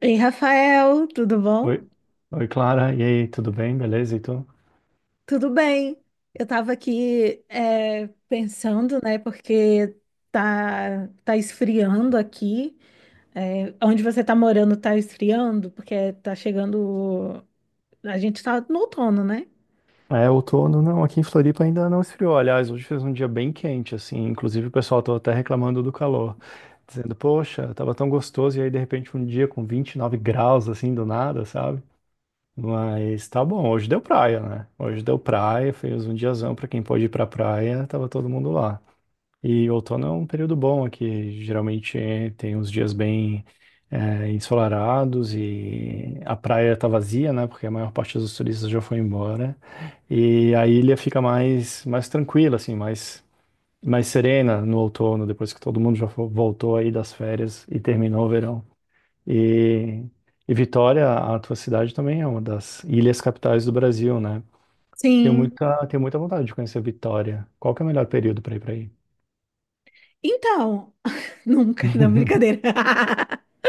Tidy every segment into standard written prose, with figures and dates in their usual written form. Ei, Rafael, tudo bom? Oi, oi Clara, e aí, tudo bem? Beleza, então? Tudo bem. Eu estava aqui pensando, né, porque tá esfriando aqui. É, onde você está morando tá esfriando, porque tá chegando. A gente está no outono, né? É, outono não, aqui em Floripa ainda não esfriou. Aliás, hoje fez um dia bem quente, assim, inclusive o pessoal tava até reclamando do calor, dizendo, poxa, tava tão gostoso, e aí de repente um dia com 29 graus, assim, do nada, sabe? Mas tá bom, hoje deu praia, né? Hoje deu praia, fez um diazão pra quem pôde ir pra praia, tava todo mundo lá. E outono é um período bom aqui. Geralmente tem uns dias bem ensolarados e a praia tá vazia, né? Porque a maior parte dos turistas já foi embora. E a ilha fica mais tranquila, assim, mais serena no outono, depois que todo mundo já voltou aí das férias e terminou o verão. E, e Vitória, a tua cidade também é uma das ilhas capitais do Brasil, né? Tenho Sim. muita, tenho muita vontade de conhecer Vitória. Qual que é o melhor período para ir para aí? Então, nunca, não, brincadeira.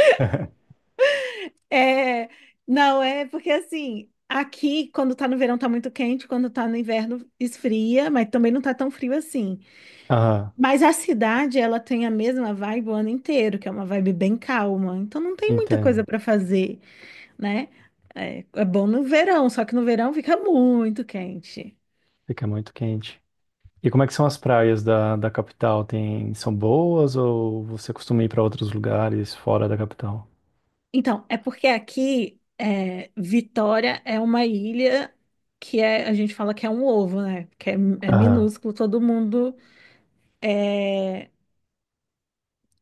É, não, é porque assim, aqui quando tá no verão tá muito quente, quando tá no inverno esfria, mas também não tá tão frio assim. Aham. Mas a cidade, ela tem a mesma vibe o ano inteiro, que é uma vibe bem calma. Então não tem muita coisa Entendo. para fazer, né? É, é bom no verão, só que no verão fica muito quente. Fica muito quente. E como é que são as praias da capital? Tem, são boas ou você costuma ir para outros lugares fora da capital? Então, é porque aqui, Vitória é uma ilha que é, a gente fala que é um ovo, né? Que é, é Aham. minúsculo, todo mundo, é,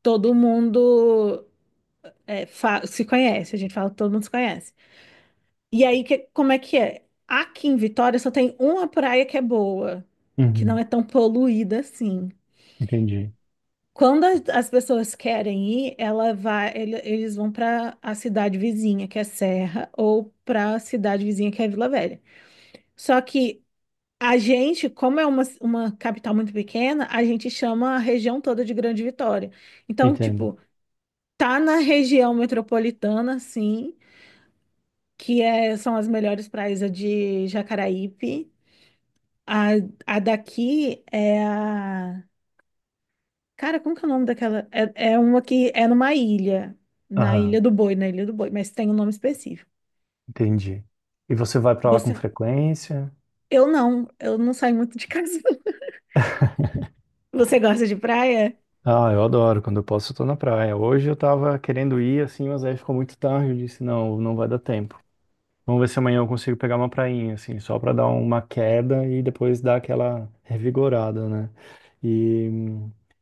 todo mundo se conhece. A gente fala que todo mundo se conhece. E aí, que, como é que é? Aqui em Vitória só tem uma praia que é boa, que não Uhum. é tão poluída assim. Entendi. Quando as pessoas querem ir, ela vai, eles vão para a cidade vizinha, que é Serra, ou para a cidade vizinha, que é Vila Velha. Só que a gente, como é uma capital muito pequena, a gente chama a região toda de Grande Vitória. Então, Entendo. tipo, tá na região metropolitana, sim, que é, são as melhores praias a de Jacaraípe. A, a daqui é a. Cara, como que é o nome daquela? É, é uma que é numa ilha. Na Aham. Ilha do Boi, na Ilha do Boi, mas tem um nome específico. Entendi. E você vai para lá com Você. frequência? Eu não saio muito de casa. Você gosta de praia? Ah, eu adoro. Quando eu posso, eu tô na praia. Hoje eu tava querendo ir assim, mas aí ficou muito tarde. Eu disse, não, não vai dar tempo. Vamos ver se amanhã eu consigo pegar uma prainha, assim, só para dar uma queda e depois dar aquela revigorada, né? E,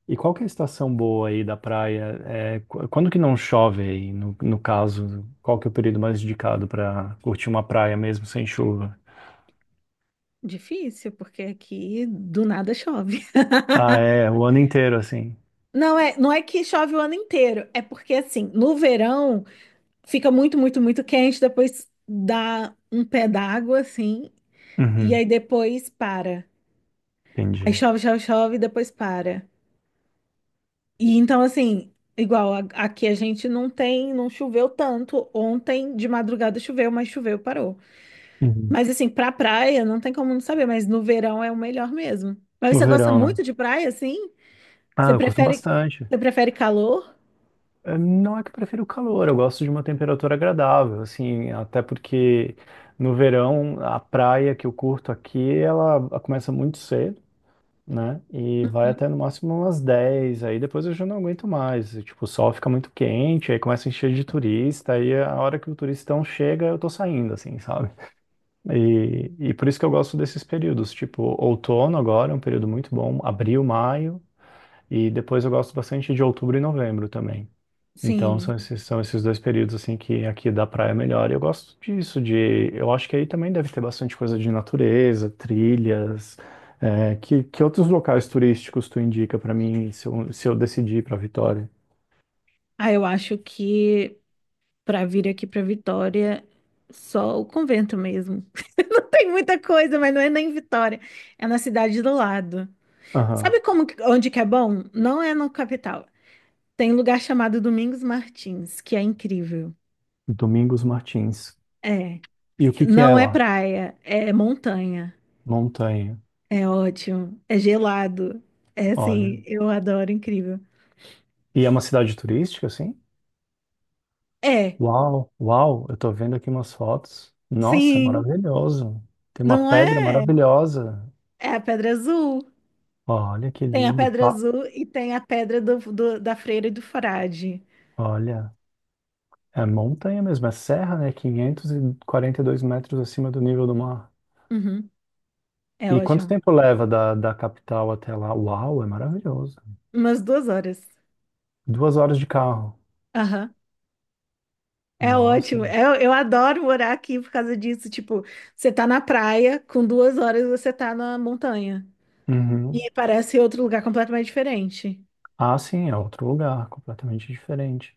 e qual que é a estação boa aí da praia? É, quando que não chove aí, no caso? Qual que é o período mais indicado para curtir uma praia mesmo sem chuva? Difícil, porque aqui do nada chove. Ah, é, o ano inteiro, assim. Não é, não é que chove o ano inteiro, é porque assim, no verão fica muito, muito, muito quente, depois dá um pé d'água assim, e Uhum, aí depois para. Aí entendi. chove, chove, chove, e depois para. E então, assim, aqui a gente não tem, não choveu tanto. Ontem de madrugada choveu, mas choveu, parou. Uhum. Mas assim, pra praia não tem como não saber, mas no verão é o melhor mesmo. Mas No você gosta verão, né? muito de praia, assim? Ah, Você eu curto prefere, bastante. você prefere calor? Não é que eu prefiro o calor, eu gosto de uma temperatura agradável, assim, até porque no verão a praia que eu curto aqui, ela começa muito cedo, né? E vai até no máximo umas 10, aí depois eu já não aguento mais. E, tipo, o sol fica muito quente, aí começa a encher de turista, aí a hora que o turistão chega, eu tô saindo, assim, sabe? E por isso que eu gosto desses períodos, tipo, outono agora é um período muito bom, abril, maio, e depois eu gosto bastante de outubro e novembro também. Então são Sim. esses, são esses dois períodos assim que aqui da praia é melhor. E eu gosto disso, de eu acho que aí também deve ter bastante coisa de natureza, trilhas. É, que outros locais turísticos tu indica pra mim se eu decidir para Vitória? Ah, eu acho que pra vir aqui pra Vitória, só o convento mesmo. Não tem muita coisa, mas não é nem Vitória. É na cidade do lado. Aham. Sabe como, onde que é bom? Não é no capital. Tem um lugar chamado Domingos Martins, que é incrível. Domingos Martins. É. E o que que é Não é lá? praia, é montanha. Montanha. É ótimo. É gelado. É Olha. assim, eu adoro, incrível. E é uma cidade turística, assim? É, Uau, uau, eu tô vendo aqui umas fotos. Nossa, é sim, maravilhoso. Tem uma não pedra é? maravilhosa. É a Pedra Azul. Olha que Tem a lindo. Pedra Pa- Azul e tem a Pedra da Freira e do Frade. Olha. É montanha mesmo, é serra, né? Quinhentos e quarenta e dois metros acima do nível do mar. Uhum, é E quanto ótimo. tempo leva da capital até lá? Uau, é maravilhoso. Umas duas horas. 2 horas de carro. Aham. É Nossa. ótimo. Eu adoro morar aqui por causa disso. Tipo, você tá na praia, com duas horas você tá na montanha. Uhum. E parece outro lugar completamente diferente. Ah, sim, é outro lugar, completamente diferente.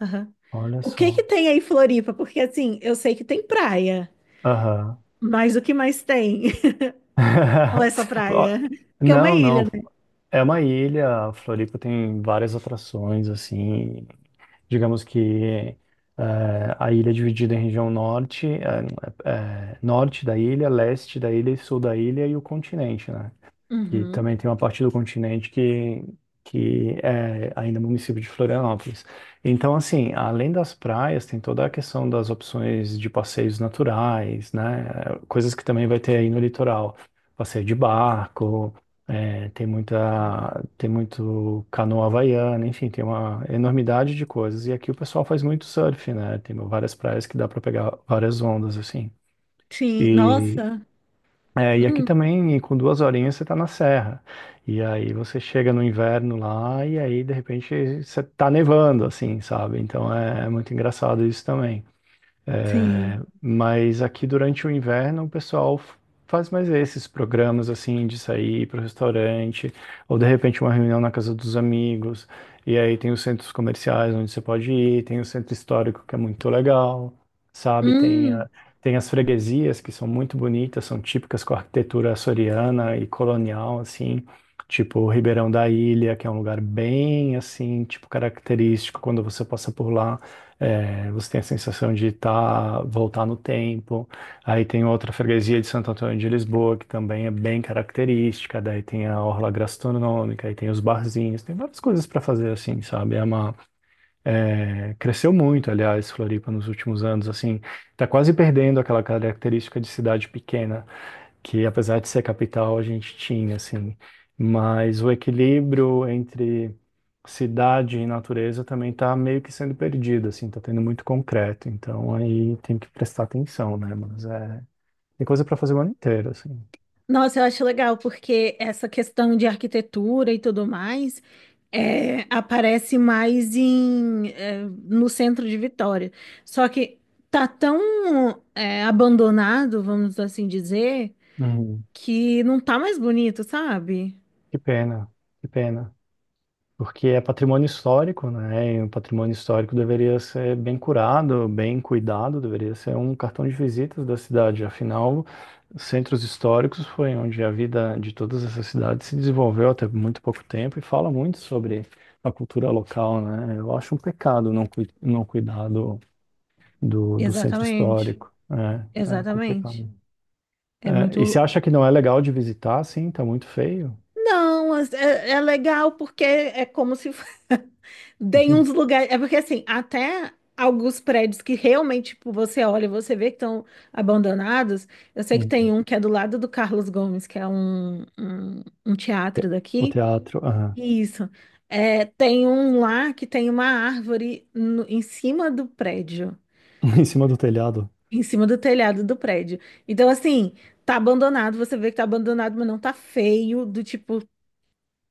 Aham. Olha O que que só. tem aí em Floripa? Porque assim, eu sei que tem praia, Aham. mas o que mais tem? Ou essa Ó, praia? Que é uma não, não. ilha, né? É uma ilha, Floripa tem várias atrações, assim. Digamos que a ilha é dividida em região norte, norte da ilha, leste da ilha e sul da ilha e o continente, né? Que Uhum. também tem uma parte do continente que é ainda município de Florianópolis. Então, assim, além das praias, tem toda a questão das opções de passeios naturais, né? Coisas que também vai ter aí no litoral. Passeio de barco, é, tem muita, tem muito canoa havaiana, enfim, tem uma enormidade de coisas. E aqui o pessoal faz muito surf, né? Tem várias praias que dá para pegar várias ondas, assim. Sim, E, nossa. e aqui Hum, também, com duas horinhas, você tá na serra. E aí você chega no inverno lá, e aí, de repente, você tá nevando, assim, sabe? Então é muito engraçado isso também. sim. Mas aqui durante o inverno o pessoal faz mais esses programas assim de sair para o restaurante, ou de repente uma reunião na casa dos amigos. E aí tem os centros comerciais onde você pode ir, tem o centro histórico que é muito legal, sabe? Tem, Hum. a- tem as freguesias que são muito bonitas, são típicas com a arquitetura açoriana e colonial, assim. Tipo o Ribeirão da Ilha, que é um lugar bem assim, tipo característico quando você passa por lá. É, você tem a sensação de tá, voltar no tempo. Aí tem outra freguesia de Santo Antônio de Lisboa, que também é bem característica. Daí tem a orla gastronômica, aí tem os barzinhos, tem várias coisas para fazer assim, sabe? Cresceu muito, aliás, Floripa nos últimos anos, assim, tá quase perdendo aquela característica de cidade pequena que apesar de ser capital, a gente tinha, assim. Mas o equilíbrio entre cidade e natureza também está meio que sendo perdido, assim, tá tendo muito concreto. Então aí tem que prestar atenção, né? Mas é, tem coisa para fazer o ano inteiro, assim. Nossa, eu acho legal, porque essa questão de arquitetura e tudo mais aparece mais em, é, no centro de Vitória. Só que tá tão é, abandonado, vamos assim dizer. Uhum. Que não tá mais bonito, sabe? Que pena, que pena. Porque é patrimônio histórico, né? E o patrimônio histórico deveria ser bem curado, bem cuidado, deveria ser um cartão de visitas da cidade. Afinal, centros históricos foi onde a vida de todas essas cidades se desenvolveu até muito pouco tempo e fala muito sobre a cultura local, né? Eu acho um pecado não, não cuidar do centro Exatamente, histórico. É exatamente. complicado. É É, e você muito. acha que não é legal de visitar? Sim, tá muito feio. Não, é, é legal porque é como se tem uns Uhum. lugares. É porque assim, até alguns prédios que realmente tipo, você olha e você vê que estão abandonados. Eu sei que tem Uhum. um que é do lado do Carlos Gomes, que é um teatro O daqui. teatro. Isso. É, tem um lá que tem uma árvore em cima do prédio. Em cima do telhado. Em cima do telhado do prédio. Então, assim, tá abandonado, você vê que tá abandonado, mas não tá feio, do tipo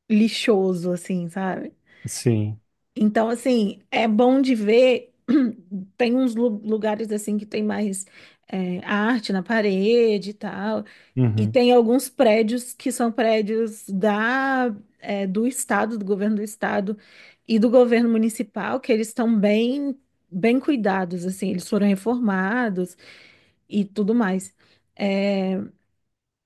lixoso, assim, sabe? Sim. Então, assim, é bom de ver. Tem uns lugares, assim, que tem mais é, arte na parede e tal. E Uhum. tem alguns prédios que são prédios da, é, do estado, do governo do estado e do governo municipal, que eles estão bem, bem cuidados, assim, eles foram reformados e tudo mais. É,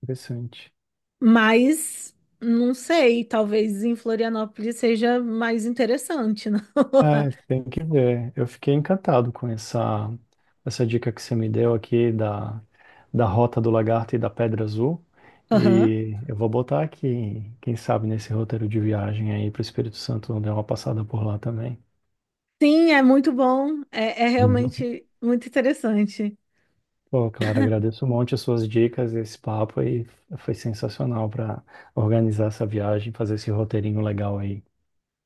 Interessante. mas não sei, talvez em Florianópolis seja mais interessante, não? É, tem que ver. Eu fiquei encantado com essa dica que você me deu aqui da Rota do Lagarto e da Pedra Azul. Aham. E eu vou botar aqui, quem sabe, nesse roteiro de viagem aí para o Espírito Santo, dar uma passada por lá também. Sim, é muito bom. É, é Uhum. realmente muito interessante. Pô, Clara, agradeço um monte as suas dicas, esse papo aí foi sensacional para organizar essa viagem, fazer esse roteirinho legal aí.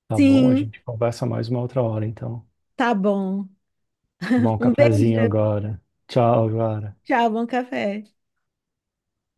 Tá bom? A Sim, gente conversa mais uma outra hora, então. tá bom. Tomar um Um cafezinho beijo. agora. Tchau, agora. Tchau, bom café.